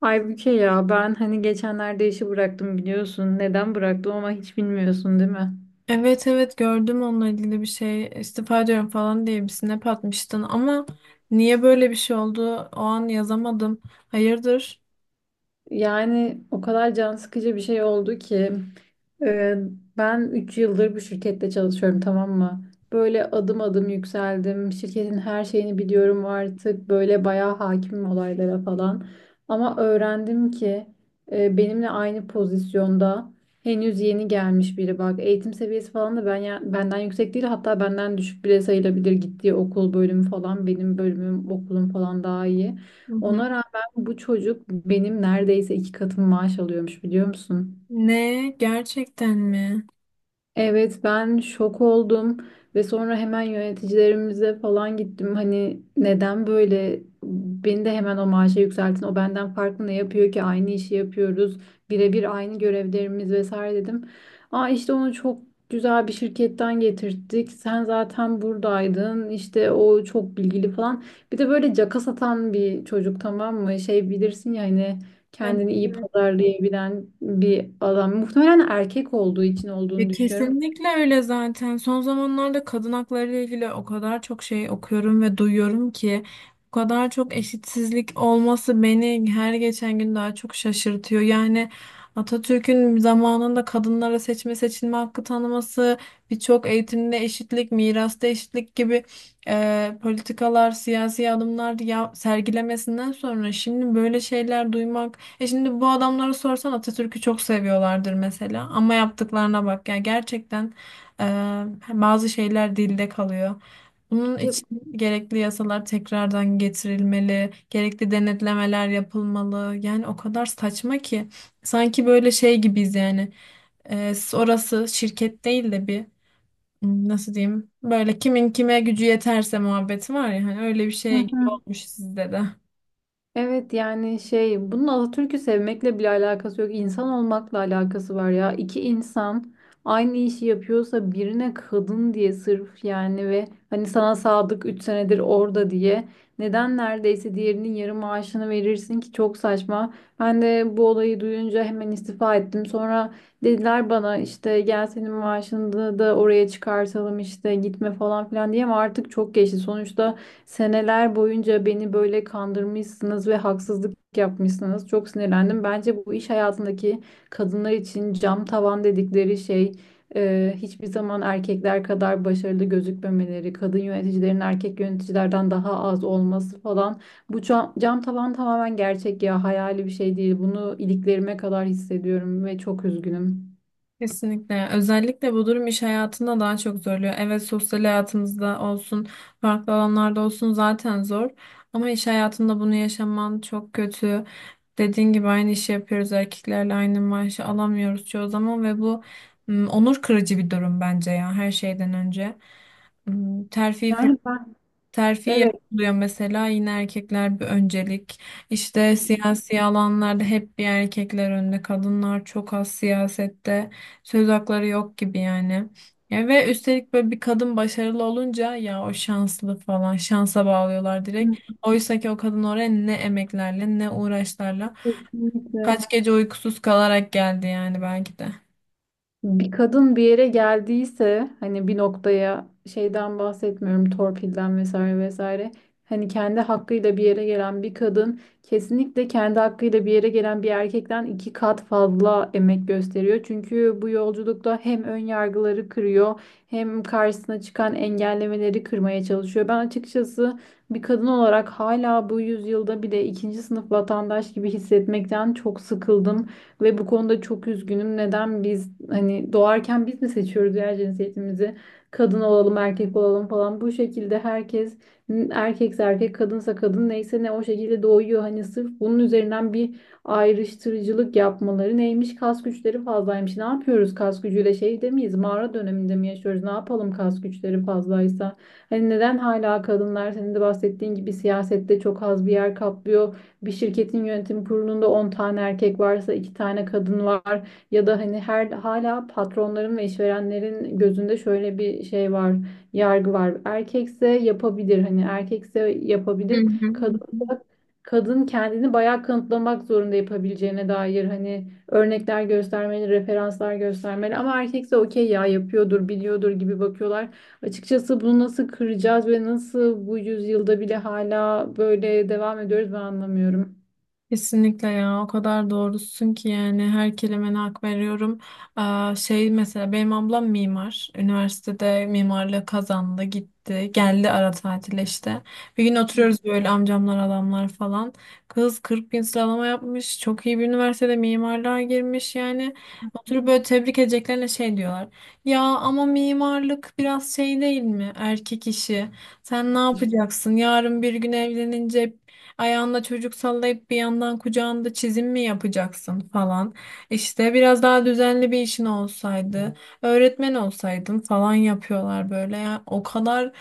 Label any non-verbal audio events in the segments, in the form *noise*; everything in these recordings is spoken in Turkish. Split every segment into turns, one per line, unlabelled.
Halbuki ya ben hani geçenlerde işi bıraktım biliyorsun. Neden bıraktım ama hiç bilmiyorsun değil mi?
Evet, evet, gördüm, onunla ilgili bir şey, istifa ediyorum falan diye bir snap atmıştın ama niye böyle bir şey oldu o an yazamadım. Hayırdır?
Yani o kadar can sıkıcı bir şey oldu ki e, ben 3 yıldır bu şirkette çalışıyorum, tamam mı? Böyle adım adım yükseldim. Şirketin her şeyini biliyorum artık. Böyle bayağı hakimim olaylara falan. Ama öğrendim ki benimle aynı pozisyonda henüz yeni gelmiş biri, bak. Eğitim seviyesi falan da ben benden yüksek değil, hatta benden düşük bile sayılabilir. Gittiği okul, bölümü falan, benim bölümüm okulum falan daha iyi.
Hı hı.
Ona bu çocuk benim neredeyse 2 katım maaş alıyormuş, biliyor musun?
Ne? Gerçekten mi?
Evet, ben şok oldum ve sonra hemen yöneticilerimize falan gittim. Hani neden böyle, beni de hemen o maaşa yükseltin. O benden farklı ne yapıyor ki, aynı işi yapıyoruz. Birebir aynı görevlerimiz vesaire dedim. Aa, işte onu çok güzel bir şirketten getirttik, sen zaten buradaydın, İşte o çok bilgili falan. Bir de böyle caka satan bir çocuk, tamam mı? Şey, bilirsin ya hani, kendini iyi
Evet.
pazarlayabilen bir adam. Muhtemelen erkek olduğu için
Ya
olduğunu düşünüyorum.
kesinlikle öyle zaten. Son zamanlarda kadın hakları ile ilgili o kadar çok şey okuyorum ve duyuyorum ki bu kadar çok eşitsizlik olması beni her geçen gün daha çok şaşırtıyor. Yani Atatürk'ün zamanında kadınlara seçme seçilme hakkı tanıması, birçok eğitimde eşitlik, mirasta eşitlik gibi politikalar, siyasi adımlar ya, sergilemesinden sonra şimdi böyle şeyler duymak, şimdi bu adamlara sorsan Atatürk'ü çok seviyorlardır mesela. Ama yaptıklarına bak. Yani gerçekten e, bazı şeyler dilde kalıyor. Bunun
Ya-
için gerekli yasalar tekrardan getirilmeli, gerekli denetlemeler yapılmalı. Yani o kadar saçma ki sanki böyle şey gibiyiz yani. Orası şirket değil de bir, nasıl diyeyim, böyle kimin kime gücü yeterse muhabbeti var ya, hani öyle bir
Hı
şey gibi
hı.
olmuş sizde de.
Evet, yani şey, bunun Atatürk'ü sevmekle bile alakası yok. İnsan olmakla alakası var ya. İki insan aynı işi yapıyorsa, birine kadın diye sırf yani ve hani sana sadık 3 senedir orada diye neden neredeyse diğerinin yarı maaşını verirsin ki, çok saçma. Ben de bu olayı duyunca hemen istifa ettim. Sonra dediler bana, işte gel senin maaşını da oraya çıkartalım, işte gitme falan filan diye, ama artık çok geçti. Sonuçta seneler boyunca beni böyle kandırmışsınız ve haksızlık yapmışsınız. Çok sinirlendim. Bence bu iş hayatındaki kadınlar için cam tavan dedikleri şey, hiçbir zaman erkekler kadar başarılı gözükmemeleri, kadın yöneticilerin erkek yöneticilerden daha az olması falan. Bu cam tavan tamamen gerçek ya, hayali bir şey değil. Bunu iliklerime kadar hissediyorum ve çok üzgünüm.
Kesinlikle. Özellikle bu durum iş hayatında daha çok zorluyor. Evet, sosyal hayatımızda olsun, farklı alanlarda olsun zaten zor. Ama iş hayatında bunu yaşaman çok kötü. Dediğin gibi aynı işi yapıyoruz erkeklerle, aynı maaşı alamıyoruz çoğu zaman ve bu onur kırıcı bir durum bence ya, her şeyden önce. M, Terfi
Yani ben
Terfi
Evet.
yapılıyor mesela, yine erkekler bir öncelik. İşte siyasi alanlarda hep bir erkekler önde. Kadınlar çok az siyasette. Söz hakları yok gibi yani. Ya ve üstelik böyle bir kadın başarılı olunca ya, o şanslı falan, şansa bağlıyorlar direkt. Oysa ki o kadın oraya ne emeklerle, ne uğraşlarla,
Kesinlikle.
kaç gece uykusuz kalarak geldi yani belki de.
Bir kadın bir yere geldiyse, hani bir noktaya, şeyden bahsetmiyorum, torpilden vesaire vesaire. Hani kendi hakkıyla bir yere gelen bir kadın kesinlikle kendi hakkıyla bir yere gelen bir erkekten 2 kat fazla emek gösteriyor. Çünkü bu yolculukta hem ön yargıları kırıyor, hem karşısına çıkan engellemeleri kırmaya çalışıyor. Ben açıkçası bir kadın olarak hala bu yüzyılda bile ikinci sınıf vatandaş gibi hissetmekten çok sıkıldım. Ve bu konuda çok üzgünüm. Neden biz, hani doğarken biz mi seçiyoruz ya cinsiyetimizi? Kadın olalım, erkek olalım falan. Bu şekilde herkes, erkekse erkek, kadınsa kadın, neyse ne, o şekilde doğuyor. Hani sırf bunun üzerinden bir ayrıştırıcılık yapmaları neymiş? Kas güçleri fazlaymış. Ne yapıyoruz kas gücüyle? Şey miyiz? Mağara döneminde mi yaşıyoruz? Ne yapalım kas güçleri fazlaysa? Hani neden hala kadınlar, senin de bahsettiğin gibi, siyasette çok az bir yer kaplıyor? Bir şirketin yönetim kurulunda 10 tane erkek varsa 2 tane kadın var. Ya da hani her, hala patronların ve işverenlerin gözünde şöyle bir şey var, yargı var. Erkekse yapabilir, hani erkekse
Hı
yapabilir.
hı. Hı hı.
Kadınsa kadın kendini bayağı kanıtlamak zorunda, yapabileceğine dair hani örnekler göstermeli, referanslar göstermeli, ama erkekse okey ya, yapıyordur, biliyordur gibi bakıyorlar. Açıkçası bunu nasıl kıracağız ve nasıl bu yüzyılda bile hala böyle devam ediyoruz, ben anlamıyorum.
Kesinlikle ya, o kadar doğrusun ki yani, her kelimene hak veriyorum. Aa, şey, mesela benim ablam mimar. Üniversitede mimarlığı kazandı, gitti, geldi ara tatile işte. Bir gün oturuyoruz böyle, amcamlar, adamlar falan. Kız 40 bin sıralama yapmış, çok iyi bir üniversitede mimarlığa girmiş yani. Oturup böyle tebrik edeceklerine şey diyorlar. Ya ama mimarlık biraz şey değil mi, erkek işi. Sen ne yapacaksın yarın bir gün evlenince, ayağında çocuk sallayıp bir yandan kucağında çizim mi yapacaksın falan. İşte biraz daha düzenli bir işin olsaydı, öğretmen olsaydın falan, yapıyorlar böyle. Ya, o kadar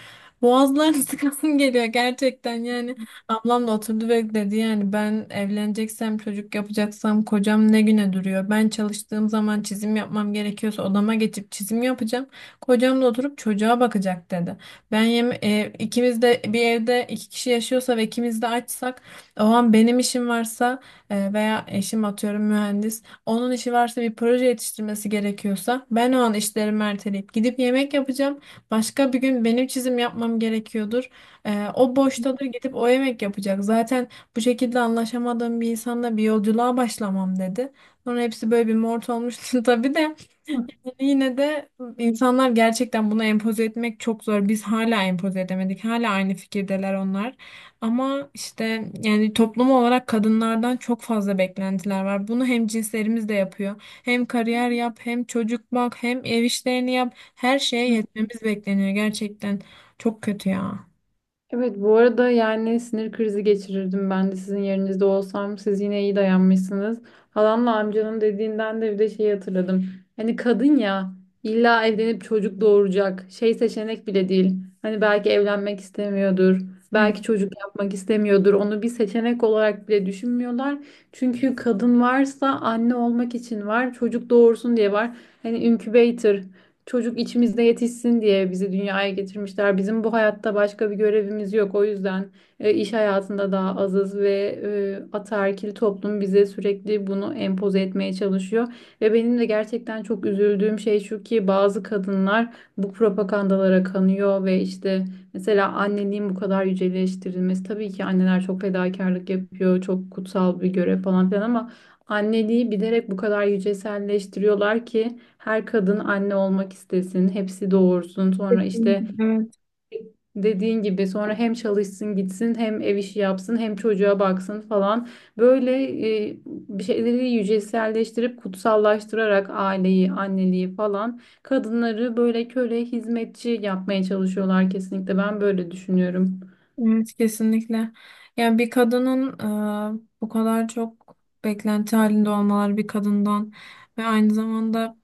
boğazlarını *laughs* sıkasım geliyor gerçekten yani. Ablam da oturdu ve dedi, yani ben evleneceksem, çocuk yapacaksam, kocam ne güne duruyor. Ben çalıştığım zaman çizim yapmam gerekiyorsa odama geçip çizim yapacağım. Kocam da oturup çocuğa bakacak dedi. İkimiz de bir evde, iki kişi yaşıyorsa ve ikimiz de açsak, o an benim işim varsa veya eşim, atıyorum mühendis, onun işi varsa, bir proje yetiştirmesi gerekiyorsa, ben o an işlerimi erteleyip gidip yemek yapacağım. Başka bir gün benim çizim yapmam gerekiyordur. E, o boştadır, gidip o yemek yapacak. Zaten bu şekilde anlaşamadığım bir insanla bir yolculuğa başlamam dedi. Sonra hepsi böyle bir mort olmuştu *laughs* tabii de. Yine de insanlar gerçekten bunu empoze etmek çok zor. Biz hala empoze edemedik. Hala aynı fikirdeler onlar. Ama işte, yani toplum olarak kadınlardan çok fazla beklentiler var. Bunu hem cinslerimiz de yapıyor. Hem kariyer yap, hem çocuk bak, hem ev işlerini yap. Her şeye
*laughs*
yetmemiz bekleniyor gerçekten. Çok kötü ya.
Evet, bu arada yani sinir krizi geçirirdim ben de sizin yerinizde olsam, siz yine iyi dayanmışsınız. Halamla amcanın dediğinden de bir de şeyi hatırladım. Hani kadın ya, illa evlenip çocuk doğuracak, şey, seçenek bile değil. Hani belki evlenmek istemiyordur.
Hı.
Belki çocuk yapmak istemiyordur. Onu bir seçenek olarak bile düşünmüyorlar. Çünkü kadın varsa anne olmak için var. Çocuk doğursun diye var. Hani incubator, çocuk içimizde yetişsin diye bizi dünyaya getirmişler. Bizim bu hayatta başka bir görevimiz yok. O yüzden iş hayatında daha azız ve ataerkil toplum bize sürekli bunu empoze etmeye çalışıyor. Ve benim de gerçekten çok üzüldüğüm şey şu ki, bazı kadınlar bu propagandalara kanıyor ve işte, mesela anneliğin bu kadar yüceleştirilmesi. Tabii ki anneler çok fedakarlık yapıyor, çok kutsal bir görev falan filan ama anneliği bilerek bu kadar yüceselleştiriyorlar ki her kadın anne olmak istesin, hepsi doğursun.
Evet,
Sonra işte, dediğin gibi, sonra hem çalışsın gitsin, hem ev işi yapsın, hem çocuğa baksın falan. Böyle bir şeyleri yüceselleştirip kutsallaştırarak aileyi, anneliği falan, kadınları böyle köle, hizmetçi yapmaya çalışıyorlar kesinlikle. Ben böyle düşünüyorum.
evet kesinlikle. Yani bir kadının bu kadar çok beklenti halinde olmaları bir kadından ve aynı zamanda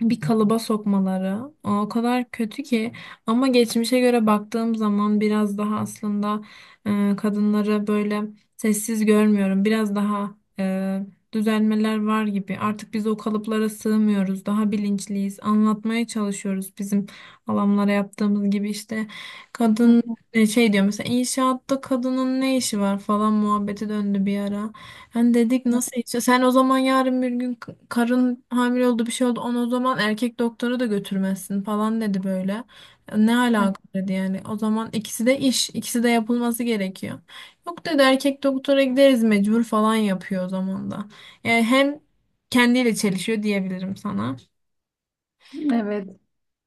bir kalıba sokmaları o kadar kötü ki, ama geçmişe göre baktığım zaman biraz daha aslında kadınları böyle sessiz görmüyorum, biraz daha düzelmeler var gibi. Artık biz o kalıplara sığmıyoruz, daha bilinçliyiz, anlatmaya çalışıyoruz, bizim alanlara yaptığımız gibi işte. Kadın şey diyor mesela, inşaatta kadının ne işi var falan muhabbeti döndü bir ara. Hani dedik nasıl işi? Sen o zaman yarın bir gün, karın hamile oldu, bir şey oldu, onu o zaman erkek doktora da götürmezsin falan dedi böyle. E, ne alaka dedi yani. O zaman ikisi de iş, ikisi de yapılması gerekiyor. Yok dedi, erkek doktora gideriz mecbur falan, yapıyor o zaman da. Yani hem kendiyle çelişiyor diyebilirim sana.
Evet.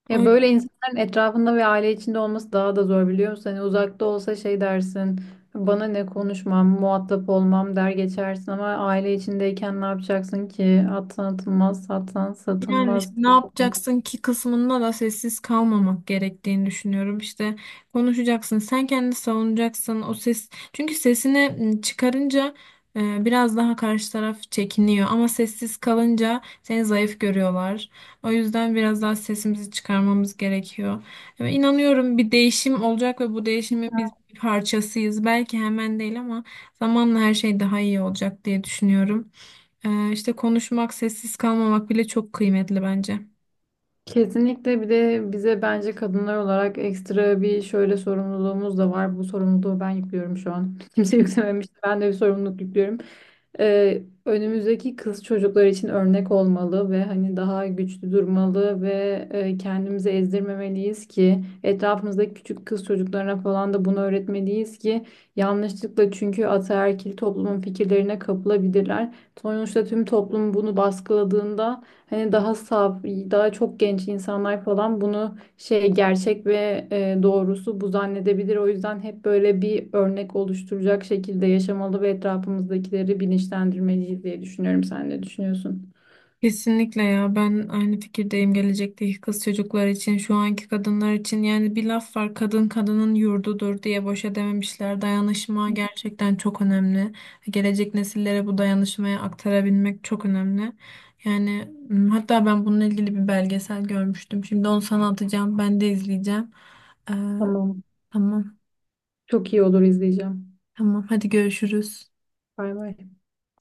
Ya böyle insanların etrafında ve aile içinde olması daha da zor, biliyor musun? Hani uzakta olsa şey dersin, bana ne, konuşmam, muhatap olmam der geçersin, ama aile içindeyken ne yapacaksın ki? Atsan atılmaz, satsan
Yani işte
satılmaz.
ne yapacaksın ki kısmında da sessiz kalmamak gerektiğini düşünüyorum. İşte konuşacaksın, sen kendini savunacaksın. O ses, çünkü sesini çıkarınca biraz daha karşı taraf çekiniyor, ama sessiz kalınca seni zayıf görüyorlar. O yüzden biraz daha sesimizi çıkarmamız gerekiyor. Ve inanıyorum bir değişim olacak ve bu değişimin biz bir parçasıyız. Belki hemen değil ama zamanla her şey daha iyi olacak diye düşünüyorum. İşte konuşmak, sessiz kalmamak bile çok kıymetli bence.
Kesinlikle. Bir de bize bence kadınlar olarak ekstra bir şöyle sorumluluğumuz da var. Bu sorumluluğu ben yüklüyorum şu an. *laughs* Kimse yüklememişti. Ben de bir sorumluluk yüklüyorum. Önümüzdeki kız çocuklar için örnek olmalı ve hani daha güçlü durmalı ve kendimizi ezdirmemeliyiz ki etrafımızdaki küçük kız çocuklarına falan da bunu öğretmeliyiz ki, yanlışlıkla çünkü ataerkil toplumun fikirlerine kapılabilirler. Sonuçta tüm toplum bunu baskıladığında, hani daha saf, daha çok genç insanlar falan bunu, şey, gerçek ve doğrusu bu zannedebilir. O yüzden hep böyle bir örnek oluşturacak şekilde yaşamalı ve etrafımızdakileri bilinçlendirmeliyiz diye düşünüyorum. Sen ne düşünüyorsun?
Kesinlikle ya, ben aynı fikirdeyim. Gelecekteki kız çocuklar için, şu anki kadınlar için, yani bir laf var, kadın kadının yurdudur diye, boşa dememişler. Dayanışma gerçekten çok önemli, gelecek nesillere bu dayanışmayı aktarabilmek çok önemli. Yani hatta ben bununla ilgili bir belgesel görmüştüm, şimdi onu sana atacağım, ben de izleyeceğim. Ee,
Tamam.
tamam,
Çok iyi olur, izleyeceğim.
tamam, hadi görüşürüz.
Bay bay.